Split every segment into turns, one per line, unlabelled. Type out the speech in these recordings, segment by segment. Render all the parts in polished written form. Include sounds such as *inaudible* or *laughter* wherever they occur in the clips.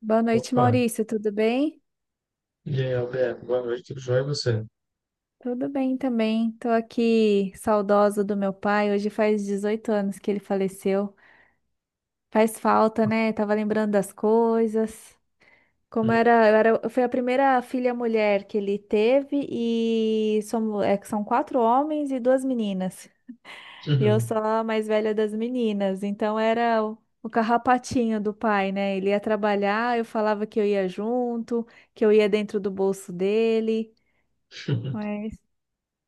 Boa noite,
Opa,
Maurício. Tudo bem?
e aí, Alberto, boa noite, tudo jóia e você?
Tudo bem também. Tô aqui saudosa do meu pai. Hoje faz 18 anos que ele faleceu. Faz falta, né? Tava lembrando das coisas. Como era, eu era, Eu fui a primeira filha mulher que ele teve e somos, é que são quatro homens e duas meninas. E eu
Uhum.
sou a mais velha das meninas, então era o carrapatinho do pai, né? Ele ia trabalhar, eu falava que eu ia junto, que eu ia dentro do bolso dele.
*laughs*
mas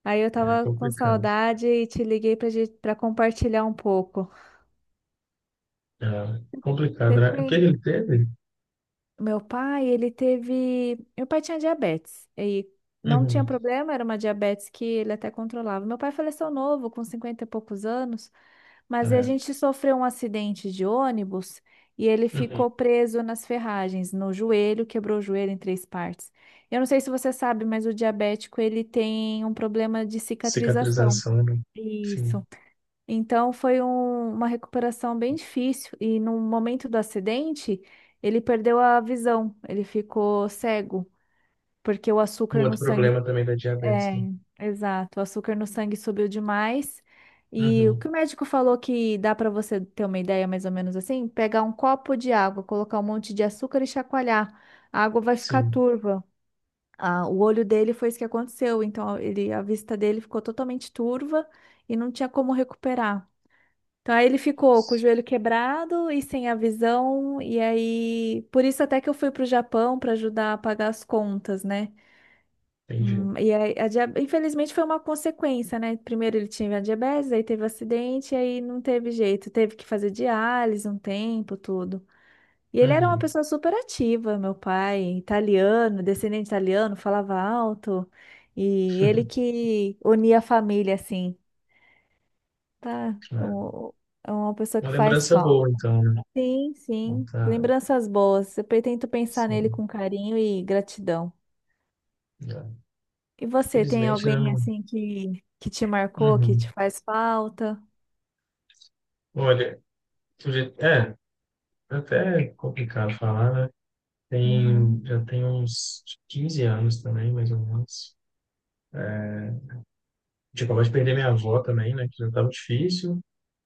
Aí eu
É
tava com
complicado.
saudade e te liguei pra gente, para compartilhar um pouco.
É
Você
complicado, né? O que
tem?
ele teve?
Meu pai, ele teve. Meu pai tinha diabetes e não tinha
Uhum.
problema, era uma diabetes que ele até controlava. Meu pai faleceu novo, com 50 e poucos anos, mas a
É.
gente sofreu um acidente de ônibus e ele
Uhum.
ficou preso nas ferragens, no joelho, quebrou o joelho em três partes. Eu não sei se você sabe, mas o diabético ele tem um problema de cicatrização.
Cicatrização, né? Sim.
Isso. Então foi uma recuperação bem difícil e no momento do acidente ele perdeu a visão, ele ficou cego porque o
Um
açúcar no
outro
sangue
problema também da diabetes,
é,
né?
exato, o açúcar no sangue subiu demais. E o que
Uhum.
o médico falou que dá para você ter uma ideia mais ou menos assim, pegar um copo de água, colocar um monte de açúcar e chacoalhar, a água vai ficar
Sim.
turva. Ah, o olho dele foi isso que aconteceu, então ele, a vista dele ficou totalmente turva e não tinha como recuperar. Então aí ele ficou com o joelho quebrado e sem a visão, e aí por isso até que eu fui pro Japão para ajudar a pagar as contas, né?
Entendi.
E aí, infelizmente foi uma consequência, né? Primeiro ele tinha diabetes, aí teve acidente, e aí não teve jeito, teve que fazer diálise um tempo, tudo. E ele era uma
Uhum.
pessoa super ativa, meu pai, italiano, descendente italiano, falava alto, e ele
*laughs*
que unia a família assim, tá?
É.
É uma pessoa
Uma
que faz
lembrança
falta.
boa, então, né?
Sim,
Não
sim.
tá,
Lembranças boas. Eu pretendo pensar nele
sim.
com carinho e gratidão.
É.
E você, tem
Felizmente, né?
alguém
Não...
assim que te marcou, que te
Uhum.
faz falta?
Olha, é até complicado falar, né? Tem,
Uhum,
já tem uns 15 anos também, mais ou menos. É, tipo, acabou de perder minha avó também, né? Que já estava difícil.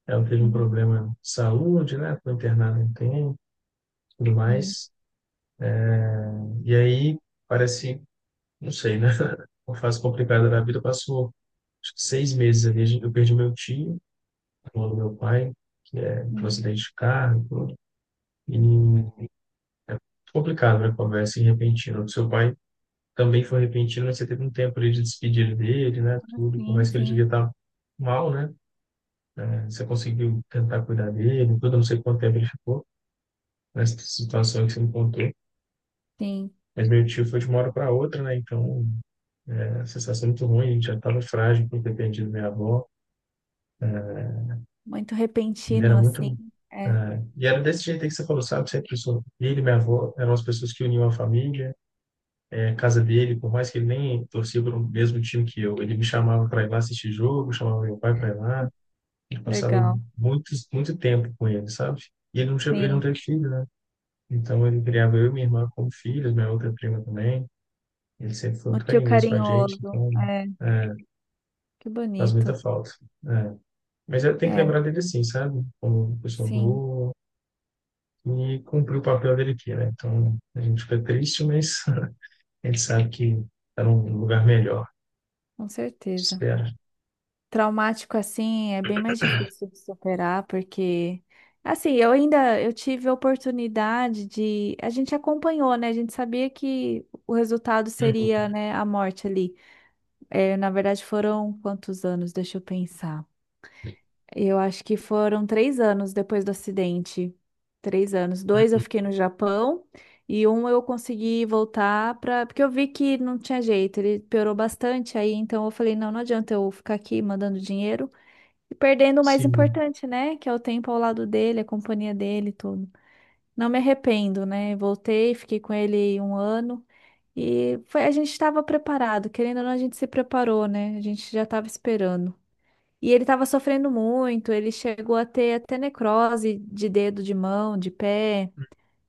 Ela teve um
uhum,
problema de saúde, né? Foi internada um tempo, tudo
uhum,
mais. E aí, parece, não sei, né? *laughs* Uma fase complicada da vida. Passou, acho que 6 meses ali. Eu perdi meu tio, irmão do meu pai, que é um
uhum.
acidente de carro e tudo. E é complicado, né? Conversa assim, repentina. O seu pai também foi repentino, né? Você teve um tempo ali de despedir dele, né?
Ah,
Tudo, por
sim,
mais que ele devia
sim,
estar mal, né? Você conseguiu tentar cuidar dele, tudo, não sei quanto tempo ele ficou nessa situação que você me contou.
sim.
Mas meu tio foi de uma hora para outra, né? Então, é, a sensação muito ruim, a gente já estava frágil por ter perdido minha avó.
Muito
Ele
repentino,
era
assim.
muito.
É,
É, e era desse jeito aí que você falou, sabe? Sempre sou. Ele e minha avó eram as pessoas que uniam a família. É, a casa dele, por mais que ele nem torcia para o mesmo time que eu, ele me chamava para ir lá assistir jogo, chamava meu pai para ir lá. Ele passava
legal.
muito, muito tempo com ele, sabe? E ele não, ele não
Sim.
teve filho, né? Então ele criava eu e minha irmã como filhos, minha outra prima também. Ele sempre foi
Um
muito
tio
carinhoso com a gente,
carinhoso.
então
É,
é,
que
faz muita
bonito.
falta. É. Mas eu tenho que
É,
lembrar dele assim, sabe? Como pessoa
sim,
boa e cumpriu o papel dele aqui, né? Então a gente fica triste, mas *laughs* a gente sabe que está num lugar melhor.
com certeza.
Espera.
Traumático assim é bem mais difícil de superar, porque assim, eu ainda eu tive a oportunidade de, a gente acompanhou, né? A gente sabia que o resultado
Uhum,
seria, né, a morte ali. É, na verdade, foram quantos anos? Deixa eu pensar. Eu acho que foram 3 anos depois do acidente. 3 anos. Dois eu
uhum,
fiquei no Japão e um eu consegui voltar para. Porque eu vi que não tinha jeito, ele piorou bastante aí, então eu falei, não, não adianta eu ficar aqui mandando dinheiro. E perdendo o mais
sim.
importante, né? Que é o tempo ao lado dele, a companhia dele, e tudo. Não me arrependo, né? Voltei, fiquei com ele um ano e foi, a gente estava preparado, querendo ou não, a gente se preparou, né? A gente já estava esperando. E ele estava sofrendo muito, ele chegou a ter até necrose de dedo, de mão, de pé.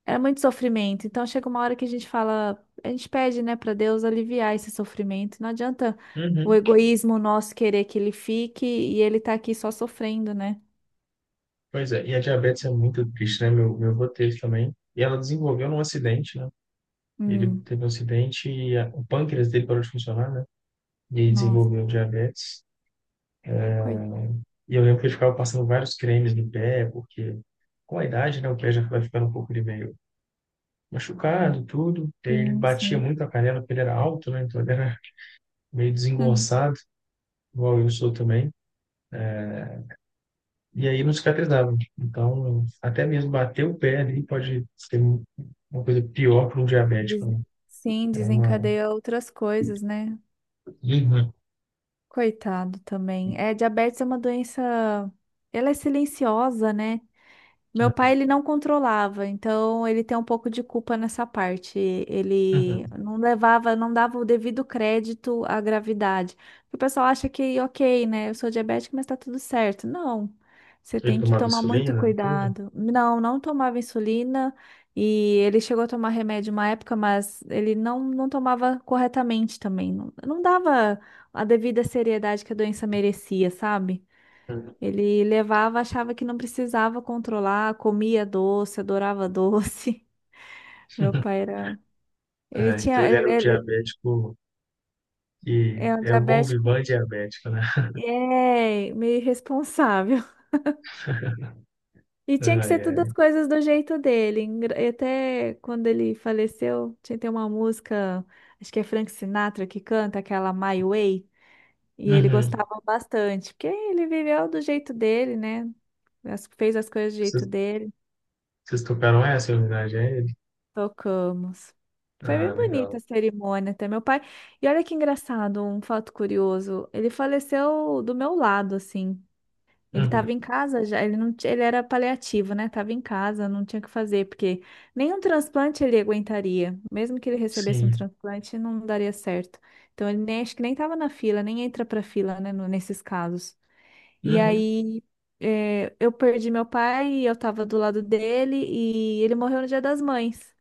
Era muito sofrimento. Então chega uma hora que a gente fala, a gente pede, né, para Deus aliviar esse sofrimento. Não adianta o
Uhum.
egoísmo nosso querer que ele fique e ele tá aqui só sofrendo, né?
Pois é, e a diabetes é muito triste, né? Meu avô teve também. E ela desenvolveu num acidente, né? Ele
Hum,
teve um acidente e o pâncreas dele parou de funcionar, né? E aí
nossa,
desenvolveu diabetes.
coitado.
E eu lembro que ele ficava passando vários cremes no pé, porque com a idade, né? O pé já vai ficando um pouco de meio machucado, tudo. E aí ele
Sim,
batia
sim.
muito a canela, porque ele era alto, né? Então ele era meio
Hum.
desengonçado, igual eu sou também. E aí não cicatrizava. Então, até mesmo bater o pé ali pode ser uma coisa pior para um diabético,
Des-
né?
Sim,
Era uma.
desencadeia outras coisas, né?
Uhum.
Coitado também. É, diabetes é uma doença. Ela é silenciosa, né? Meu pai, ele não controlava, então ele tem um pouco de culpa nessa parte. Ele
Uhum.
não levava, não dava o devido crédito à gravidade. O pessoal acha que, ok, né, eu sou diabética, mas tá tudo certo. Não, você
Ele
tem que
tomava
tomar
insulina,
muito
né? Tudo.
cuidado. Não, não tomava insulina e ele chegou a tomar remédio uma época, mas ele não, não tomava corretamente também. Não, não dava a devida seriedade que a doença merecia, sabe?
Uhum.
Ele levava, achava que não precisava controlar, comia doce, adorava doce. *laughs* Meu
*laughs*
pai era. Ele
É, então
tinha.
ele
Ele,
era o diabético que
é um
é o bom vivan
diabético.
diabético, né?
É, meio irresponsável. *laughs*
*laughs*
E tinha que ser
Ai,
todas
ai.
as coisas do jeito dele. E até quando ele faleceu, tinha que uma música, acho que é Frank Sinatra que canta, aquela My Way. E ele
Uhum.
gostava bastante, porque ele viveu do jeito dele, né? Fez as coisas do jeito
Vocês,
dele.
vocês tocaram essa em homenagem a ele?
Tocamos. Foi
Ah,
bem
legal.
bonita a cerimônia até meu pai. E olha que engraçado, um fato curioso. Ele faleceu do meu lado, assim. Ele estava
Uhum.
em casa já, ele não, ele era paliativo, né? Tava em casa, não tinha o que fazer, porque nenhum transplante ele aguentaria. Mesmo que ele recebesse um
Sim.
transplante, não daria certo. Então ele nem acho que nem estava na fila, nem entra para fila, né, nesses casos. E
Uhum.
aí eu perdi meu pai, eu estava do lado dele e ele morreu no Dia das Mães.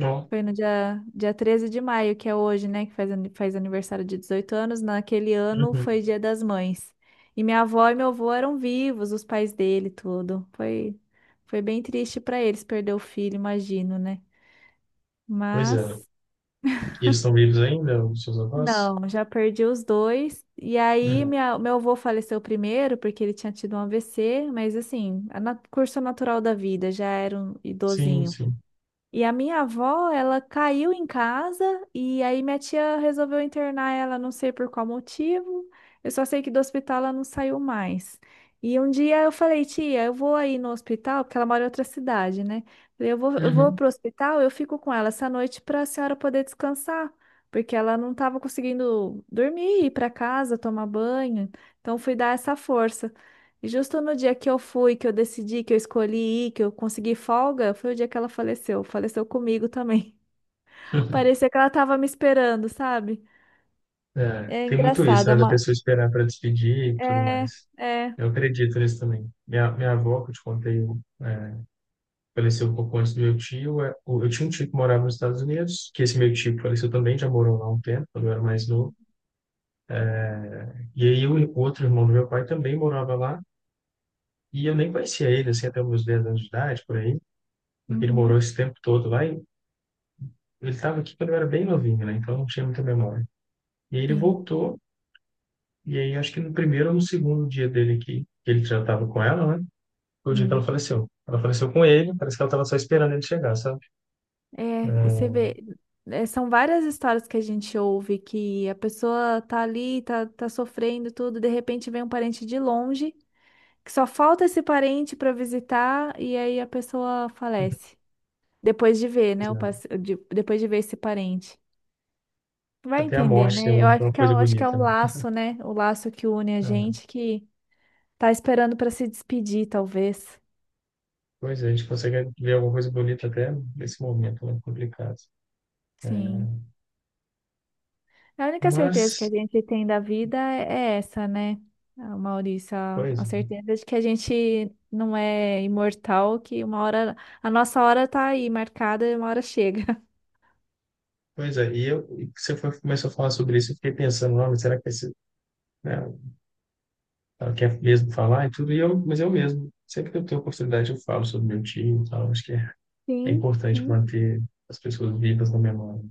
Ó.
Foi no dia 13 de maio, que é hoje, né? Que faz aniversário de 18 anos. Naquele ano
Uhum.
foi Dia das Mães. E minha avó e meu avô eram vivos, os pais dele, tudo. Foi, foi bem triste para eles perder o filho, imagino, né?
Pois é.
Mas
E eles estão vivos ainda, os seus avós?
não, já perdi os dois. E aí
Uhum.
meu avô faleceu primeiro porque ele tinha tido um AVC, mas assim, a curso natural da vida, já era um
Sim,
idosinho.
sim.
E a minha avó, ela caiu em casa e aí minha tia resolveu internar ela, não sei por qual motivo. Eu só sei que do hospital ela não saiu mais. E um dia eu falei, tia, eu vou aí no hospital, porque ela mora em outra cidade, né? Falei, eu vou
Uhum.
pro hospital, eu fico com ela essa noite para a senhora poder descansar, porque ela não estava conseguindo dormir, ir para casa, tomar banho. Então fui dar essa força. Justo no dia que eu fui, que eu decidi, que eu escolhi ir, que eu consegui folga, foi o dia que ela faleceu. Faleceu comigo também. *laughs*
*laughs*
Parecia que ela tava me esperando, sabe?
É,
É
tem muito isso,
engraçado, é
né? Da
uma.
pessoa esperar para despedir e tudo
É,
mais.
é.
Eu acredito nisso também. Minha avó, que eu te contei, é, faleceu um pouco antes do meu tio. É, Eu tinha um tio que morava nos Estados Unidos, que esse meu tio que faleceu também, já morou lá um tempo, quando eu era mais novo. E aí o outro irmão do meu pai também morava lá, e eu nem conhecia ele, assim, até os meus 10 anos de idade, por aí, porque ele morou
Uhum,
esse tempo todo lá, e ele estava aqui quando eu era bem novinho, né? Então eu não tinha muita memória. E aí ele
sim.
voltou, e aí acho que no primeiro ou no segundo dia dele aqui, que ele já estava com ela, né? Foi o dia que ela
Hum.
faleceu. Ela faleceu com ele, parece que ela estava só esperando ele chegar, sabe?
É, e você
É,
vê. É, são várias histórias que a gente ouve que a pessoa tá ali, tá sofrendo tudo, de repente vem um parente de longe, que só falta esse parente pra visitar, e aí a pessoa falece. Depois de ver,
pois
né?
é.
Depois de ver esse parente. Vai
Até a
entender,
morte tem
né? Eu acho
uma
que
coisa
acho que é
bonita,
o
né?
laço, né? O laço que une a
É,
gente que tá esperando para se despedir, talvez.
pois é, a gente consegue ver alguma coisa bonita até nesse momento, né? Complicado. É,
Sim. A única certeza que a
mas,
gente tem da vida é essa, né, Maurício? A
pois,
a
é.
certeza de que a gente não é imortal, que uma hora, a nossa hora tá aí marcada e uma hora chega. *laughs*
Pois é, e eu, e você foi, começou a falar sobre isso, eu fiquei pensando, não, mas será que esse, né, ela quer mesmo falar e tudo, e eu, mas eu mesmo, sempre que eu tenho oportunidade eu falo sobre meu tio e tal, acho que é
Sim,
importante
sim,
manter as pessoas vivas na memória.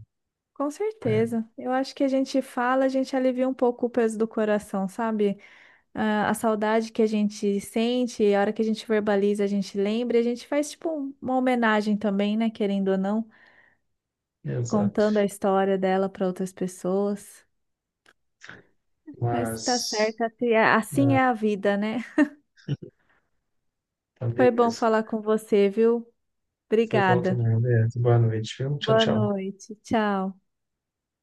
com
É,
certeza. Eu acho que a gente fala, a gente alivia um pouco o peso do coração, sabe? Ah, a saudade que a gente sente, a hora que a gente verbaliza, a gente lembra, e a gente faz tipo uma homenagem também, né? Querendo ou não,
exato.
contando a história dela para outras pessoas. Mas tá
Mas...
certo, assim é assim
Ah,
é a vida, né?
tá,
Foi bom
beleza.
falar com você, viu?
Foi bom
Obrigada.
também, beleza. Boa noite, viu? Tchau,
Boa
tchau.
noite. Tchau.